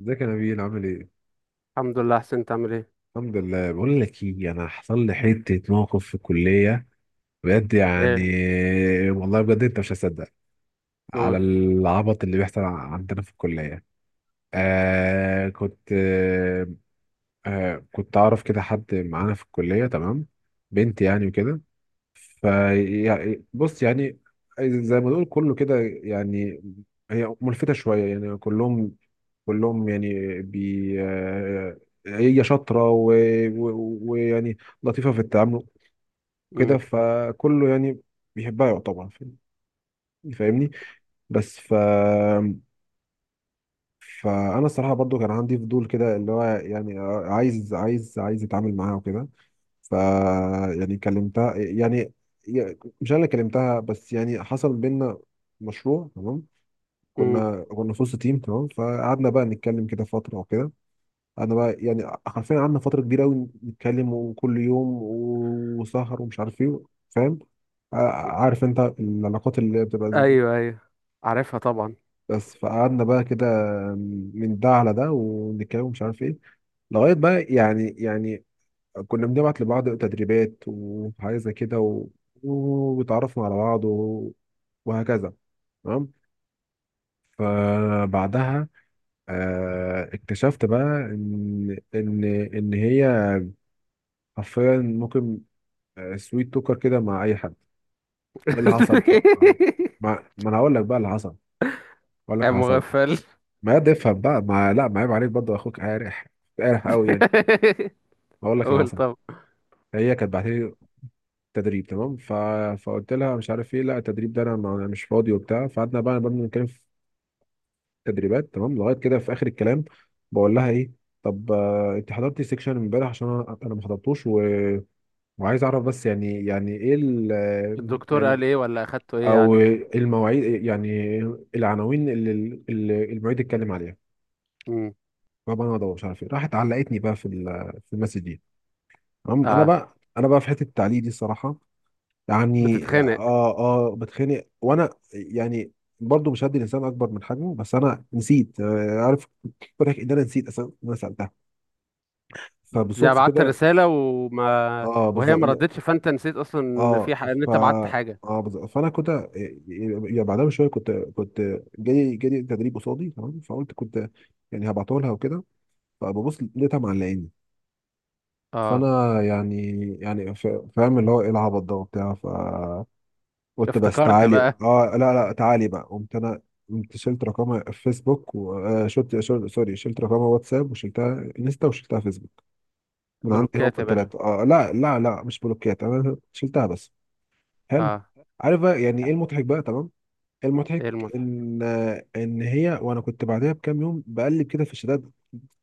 ازيك يا نبيل، عامل ايه؟ الحمد لله احسن، انت عامل ايه؟ الحمد لله. بقول لك ايه، انا حصل لي حته موقف في الكليه، بجد يعني. ايه؟ والله بجد انت مش هتصدق على نور. العبط اللي بيحصل عندنا في الكليه. آه كنت آه آه، كنت اعرف كده حد معانا في الكليه، تمام، بنت يعني وكده. فيعني بص يعني، زي ما نقول كله كده يعني. هي ملفتة شوية يعني، كلهم يعني، بي آه، هي شاطرة ويعني لطيفة في التعامل، كده. امم. فكله يعني بيحبها يعتبر، فاهمني. بس ف فأنا الصراحة برضو كان عندي فضول كده، اللي هو يعني عايز أتعامل معاها وكده. ف يعني كلمتها، يعني مش انا اللي كلمتها، بس يعني حصل بينا مشروع، تمام. امم. كنا في وسط تيم، تمام، فقعدنا بقى نتكلم كده فتره وكده. انا بقى يعني حرفيا قعدنا فتره كبيره قوي نتكلم، وكل يوم وسهر ومش عارف ايه، فاهم. عارف انت العلاقات اللي بتبقى زي دي. ايوه ايوه، عارفها طبعا. بس فقعدنا بقى كده من ده على ده، ونتكلم ومش عارف ايه، لغايه بقى يعني. كنا بنبعت لبعض تدريبات وحاجات زي كده، وتعرفنا على بعض، وهكذا، تمام. فبعدها اكتشفت بقى ان هي حرفيا ممكن سويت توكر كده مع اي حد. ايه اللي حصل بقى؟ ما انا هقول لك بقى اللي حصل. هقول لك يا اللي حصل. مغفل. ما ده افهم بقى، ما لا، ما عيب عليك برضه، اخوك قارح، قارح قوي يعني. هقول لك اللي قول حصل. طب. هي كانت بعت لي تدريب، تمام. فقلت لها مش عارف ايه، لا التدريب ده انا أنا مش فاضي وبتاع. فقعدنا بقى نبدا نتكلم في تدريبات، تمام، لغايه كده في اخر الكلام بقول لها ايه. طب انت حضرتي سيكشن امبارح؟ عشان أنا ما حضرتوش، وعايز اعرف بس، يعني ايه الدكتور يعني، قال ايه ولا اخدته ايه او يعني؟ المواعيد يعني، العناوين اللي المعيد اتكلم عليها. امم. فبقى انا ادور مش عارف ايه، راحت علقتني بقى في في المسج دي، تمام. انا اه بقى في حته التعليق دي الصراحه، يعني بتتخانق. اه. اه بتخانق، وانا يعني برضو مش هدي الانسان اكبر من حجمه، بس انا نسيت. عارف فرق، ان انا نسيت اصلا إن انا سالتها. يعني فبالصدفه بعت كده، رسالة وما اه وهي ما بالظبط. ردتش فانت نسيت اصلا ان في اه، ان ف انت بعت حاجة. اه بالظبط، فانا كنت يعني بعدها بشويه، كنت جالي تدريب قصادي، تمام، فقلت كنت يعني هبعته لها وكده. فببص لقيتها معلقاني. اه فانا يعني، يعني ف- فاهم اللي هو ايه العبط ده وبتاع. قلت بس افتكرت تعالي، بقى. اه لا لا تعالي بقى، قمت انا، قمت شلت رقمها في فيسبوك، وشلت سوري، شلت رقمها واتساب، وشلتها انستا، وشلتها فيسبوك من عندي هم بلوكات يا باشا. الثلاثه. اه لا لا لا، مش بلوكيات، انا شلتها بس. حلو. اه. عارف بقى يعني ايه المضحك بقى، تمام. المضحك ايه المضحك؟ ان هي وانا، كنت بعدها بكام يوم بقلب كده في الشتات،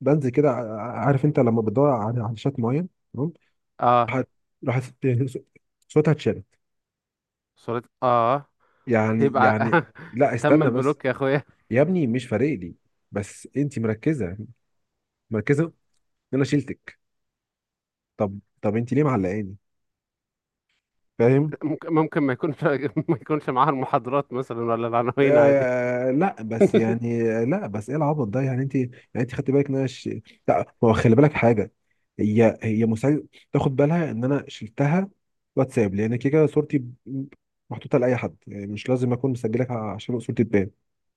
بنزل كده، عارف انت لما بتدور على شات معين، تمام. اه راحت راحت صوتها اتشالت، صورة اه. يعني يبقى يعني. لا تم استنى بس، البلوك يا اخويا. يا ابني مش فارق لي، بس انت مركزه، ان انا شيلتك. طب انت ليه معلقاني، فاهم؟ ممكن ممكن ما يكونش ما يكونش معاها المحاضرات مثلا ولا العناوين، عادي. لا بس يعني، لا بس ايه العبط ده يعني؟ انت يعني، انت خدت بالك ان انا لا، ما هو خلي بالك حاجه، هي مساعد تاخد بالها ان انا شلتها واتساب، لان كده كده صورتي ب- محطوطه لاي حد، يعني مش لازم اكون مسجلك عشان صورتي تبان.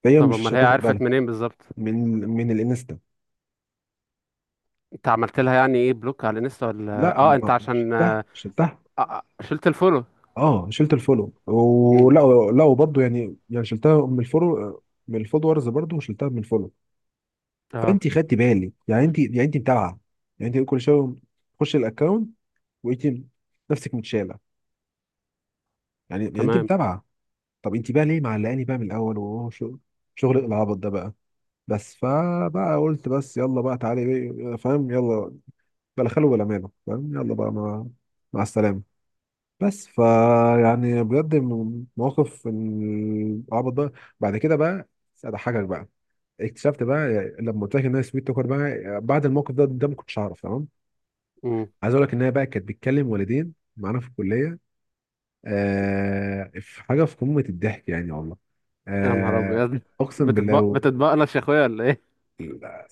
فهي طب مش امال هي هتاخد عرفت بالها. منين بالظبط؟ من من الانستا. انت عملت لها يعني ايه، بلوك على انستا ولا لا اه انت ما عشان شلتها، شلت الفولو. اه شلت الفولو مم. ولا. لا وبرضه يعني، شلتها من الفولو، من الفولورز برضه، وشلتها من الفولو. اه فانت خدتي بالي يعني، انت يعني، انت متابعه، يعني انت كل شويه تخش الاكونت وانت نفسك متشاله، يعني انت تمام. متابعه. طب انت بقى ليه معلقاني بقى من الاول؟ وهو شغل، العبط ده بقى. بس فبقى قلت بس يلا بقى تعالي بقى، فاهم، يلا بلا خلو ولا ماله، فاهم، يلا بقى، مع السلامه. بس فا يعني بجد، موقف العبط ده. بعد كده بقى اضحكك بقى، اكتشفت بقى لما قلت لك ان هي سويت توكر بقى بعد الموقف ده، ما كنتش اعرف، تمام. مم. عايز اقول لك ان هي بقى كانت بتكلم والدين معانا في الكليه. في حاجه في قمه الضحك يعني والله. يا نهار آه ابيض. اقسم بالله بتتبق بتتبقلش يا اخويا ولا ايه؟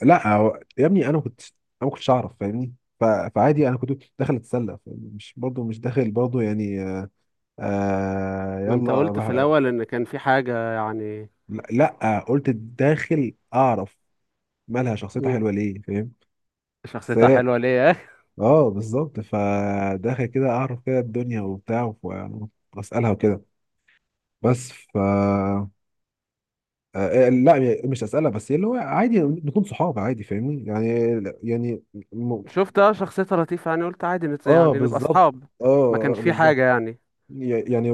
لا، يا ابني انا ما كنتش اعرف، فاهمني. فعادي انا كنت داخل اتسلى، مش برضو، مش داخل برضو يعني. ما انت قلت في يلا. الاول ان كان في حاجه يعني. لا, لأ قلت داخل اعرف مالها شخصيتها مم. حلوه ليه، فاهم. بس شخصيتها هي، حلوه ليه يا اخي؟ اه بالظبط، فداخل كده اعرف كده الدنيا وبتاع واسالها وكده. بس ف آه، آه، لا مش اسالها، بس اللي هو عادي نكون صحاب عادي، فاهمني يعني. يعني م... شفت اه شخصيتها لطيفه يعني، قلت عادي اه يعني نبقى بالظبط. اصحاب، اه، ما كانش في بالظبط. حاجه يعني؟ يعني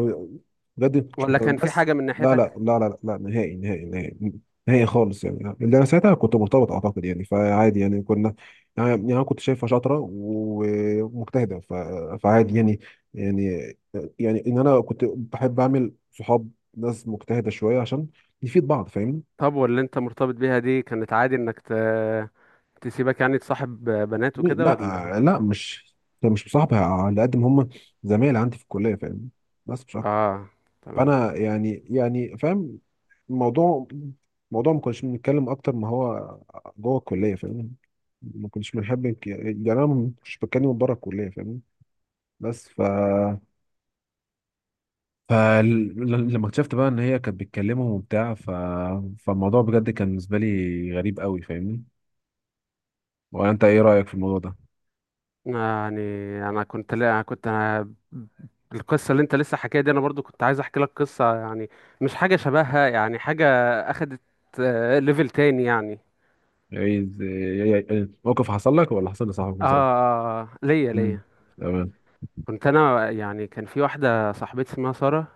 بجد مش ولا متابع كان في بس. حاجه من لا لا ناحيتك؟ لا لا لا، نهائي نهائي نهائي نهائي خالص، يعني اللي انا ساعتها كنت مرتبط اعتقد، يعني فعادي، يعني كنا يعني. انا كنت شايفها شاطره ومجتهده، فعادي يعني. يعني يعني ان انا كنت بحب اعمل صحاب ناس مجتهده شويه عشان نفيد بعض، فاهمني. طب واللي انت مرتبط بيها دي كانت عادي انك تسيبك يعني تصاحب بنات وكده ولا؟ لا لا، مش مصاحبها، على قد ما هم زمايل عندي في الكليه، فاهمني، بس مش اكتر. اه تمام. فانا يعني، فاهم الموضوع، ما كناش بنتكلم اكتر ما هو جوه الكليه، فاهم. ما كناش بنحب يعني انا ما كنتش بتكلم بره الكليه، فاهم. بس ف فلما اكتشفت بقى ان هي كانت بتكلمهم وبتاع. فالموضوع بجد كان بالنسبه لي غريب قوي، فاهمني. ولا انت ايه رايك في الموضوع ده؟ يعني انا كنت، لا كنت أنا، القصه اللي انت لسه حكاها دي انا برضو كنت عايز احكي لك قصه يعني، مش حاجه شبهها، يعني حاجه اخدت ليفل تاني يعني. ايه إيه- إيه- إيه، موقف حصل لك ولا حصل لصاحبك اه مثلا؟ ليا امم، ليا. تمام. كنت انا يعني، كان في واحده صاحبتي اسمها ساره،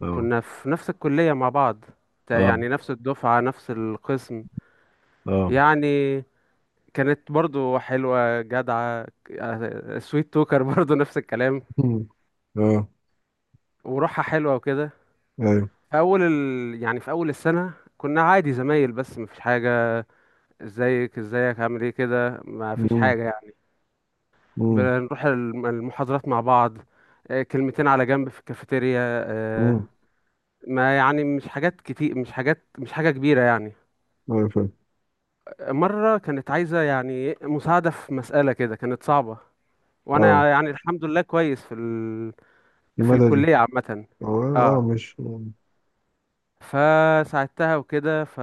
اه كنا في نفس الكليه مع بعض، اه يعني نفس الدفعه نفس القسم. اه، يعني كانت برضو حلوة جدعة. سويت توكر برضو نفس الكلام. مم. اه. وروحها حلوة وكده. ايوه. في أول يعني في أول السنة كنا عادي زمايل بس مفيش حاجة. ازيك ازيك عامل ايه كده، مفيش حاجة يعني. مم. بنروح المحاضرات مع بعض، كلمتين على جنب في الكافيتيريا، آه، امم. ما يعني مش حاجات كتير، مش حاجات، مش حاجة كبيرة يعني. ايوه فاهم. مرة كانت عايزة يعني مساعدة في مسألة كده كانت صعبة، اه، وأنا يعني الحمد لله كويس في في المدى دي. الكلية عامة. اه، اه اه مش. مم. فساعدتها وكده ف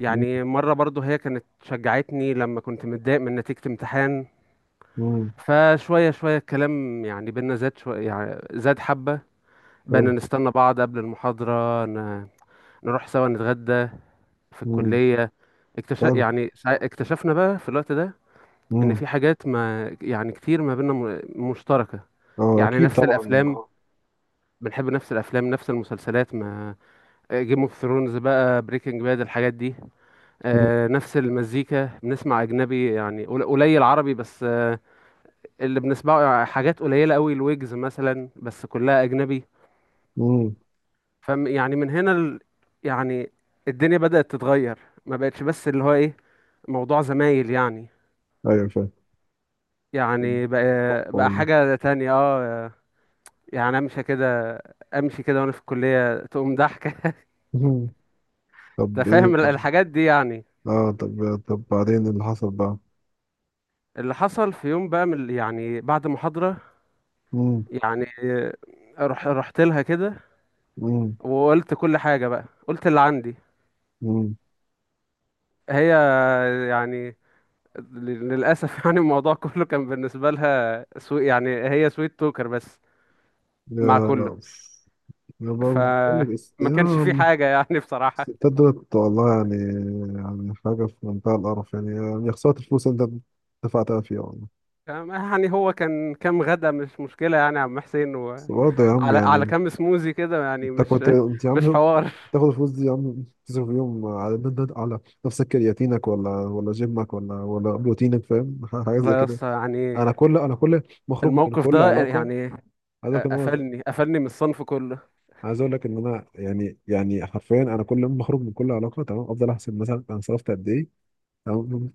يعني مرة برضو هي كانت شجعتني لما كنت متضايق من نتيجة امتحان. مم. فشوية شوية الكلام يعني بينا زاد شوية، يعني زاد حبة. حلو. بقينا نستنى بعض قبل المحاضرة نروح سوا نتغدى في مم. الكلية. اكتشف حلو. يعني اكتشفنا بقى في الوقت ده ان مم. في حاجات ما يعني كتير ما بينا مشتركة. اه يعني اكيد نفس طبعا الافلام، اه. بنحب نفس الافلام نفس المسلسلات ما، جيم اوف ثرونز بقى، بريكنج باد، الحاجات دي. مم. نفس المزيكا، بنسمع اجنبي يعني قليل عربي بس اللي بنسمعه حاجات قليله قوي، الويجز مثلا، بس كلها اجنبي. مم. فم يعني من هنا يعني الدنيا بدأت تتغير، ما بقتش بس اللي هو ايه موضوع زمايل يعني، ايوه فاهم. يعني بقى تحفه بقى والله. حاجه تانية اه، يعني امشي كده، امشي كده وانا في الكليه تقوم ضحكه. مم. انت طب ايه، فاهم طب الحاجات دي يعني. اه، طب بعدين اللي حصل بقى. اللي حصل في يوم بقى، من يعني بعد محاضره، مم. يعني رحت لها كده مم. وقلت كل حاجة بقى، قلت اللي عندي. مم. هي يعني للأسف يعني الموضوع كله كان بالنسبة لها يعني هي سويت توكر بس مع كله. يا يا بقول لك الس- فما كانش في يا حاجة يعني بصراحة. الستات دولت والله يعني، يعني حاجة في منتهى القرف، يعني خسارة الفلوس اللي انت دفعتها فيها والله. يعني هو كان كام غدا، مش مشكلة يعني يا عم حسين، بس وعلى برضه يا عم على يعني، كام سموزي كده يعني، مش انت يا مش عم حوار. تاخد الفلوس دي يا عم، تصرف يوم على نفسك، كرياتينك ولا جيمك ولا بروتينك، فاهم، حاجه زي لا يا كده. اسطى يعني، انا كل مخرج من الموقف كل ده علاقه. يعني عايز اقول لك ان انا، قفلني، قفلني من الصنف كله. يعني، حرفيا انا كل ما اخرج من كل علاقه، تمام، افضل احسب مثلا انا صرفت قد ايه، تمام،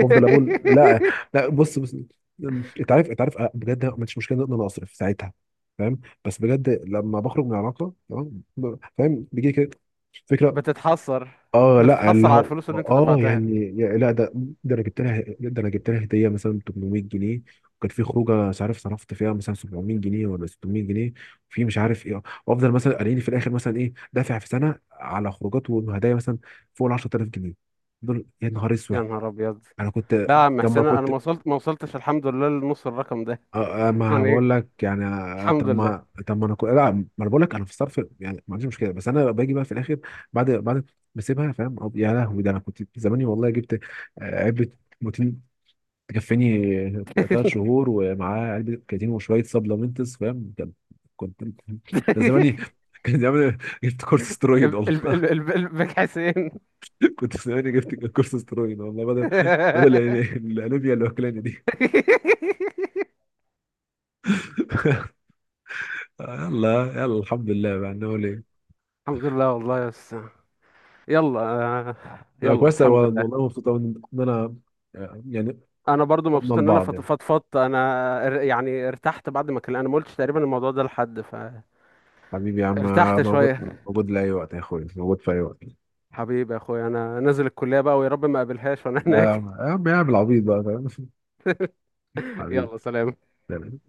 بفضل اقول لا، لا بص بص، انت عارف، بجد ما عنديش مشكله ان انا اصرف ساعتها، فاهم، بس بجد لما بخرج من علاقه، تمام، فاهم، بيجي لي كده فكره. بتتحسر، اه لا اللي بتتحسر على هو الفلوس اللي انت اه دفعتها. يعني. لا ده، ده انا جبت لها هديه مثلا 800 جنيه، وكان في خروجه مش عارف صرفت فيها مثلا 700 جنيه ولا 600 جنيه في مش عارف ايه، وافضل مثلا قاريني في الاخر مثلا ايه دافع في سنه على خروجات وهدايا مثلا فوق ال 10,000 جنيه دول، يا نهار يا اسود. نهار ابيض، انا كنت لا يا عم لما حسين انا كنت ما وصلت ما وصلتش الحمد لله لنص الرقم ده. آه، آه، ما يعني إيه؟ بقول لك يعني، آه، الحمد طب لله. ما طب ما انا كو... لا ما انا بقول لك، انا في الصرف يعني ما عنديش مشكله، بس انا باجي بقى في الاخر بعد ما اسيبها، فاهم. يا لهوي، ده انا كنت زماني والله جبت علبه بروتين تكفيني 3 شهور، ومعاه علبه كرياتين وشويه سبلمنتس، فاهم. كان- كنت كان زماني كان زماني جبت كورس سترويد والله. الباك حسين. كنت زماني جبت كورس سترويد والله، بدل الانيميا اللي واكلاني دي. يلا يلا الحمد لله بقى، نقول إيه؟ الحمد لله والله يا أستاذ. يلا لا يلا كويس أوي، الحمد لله. والله مبسوط أوي، إن أنا يعني انا برضو فضنا مبسوط ان انا لبعض يعني. فضفضت. انا يعني ارتحت بعد ما كلمت، انا ما قلتش تقريبا الموضوع ده لحد، حبيبي يا عم، فارتحت موجود، شويه. موجود لأي وقت يا أخوي، موجود في أي وقت. حبيبي يا اخويا، انا نازل الكلية بقى ويا رب ما اقابلهاش وانا لا يا هناك. عم، يا عم العبيط بقى، فاهم. حبيبي، يلا سلام. تمام.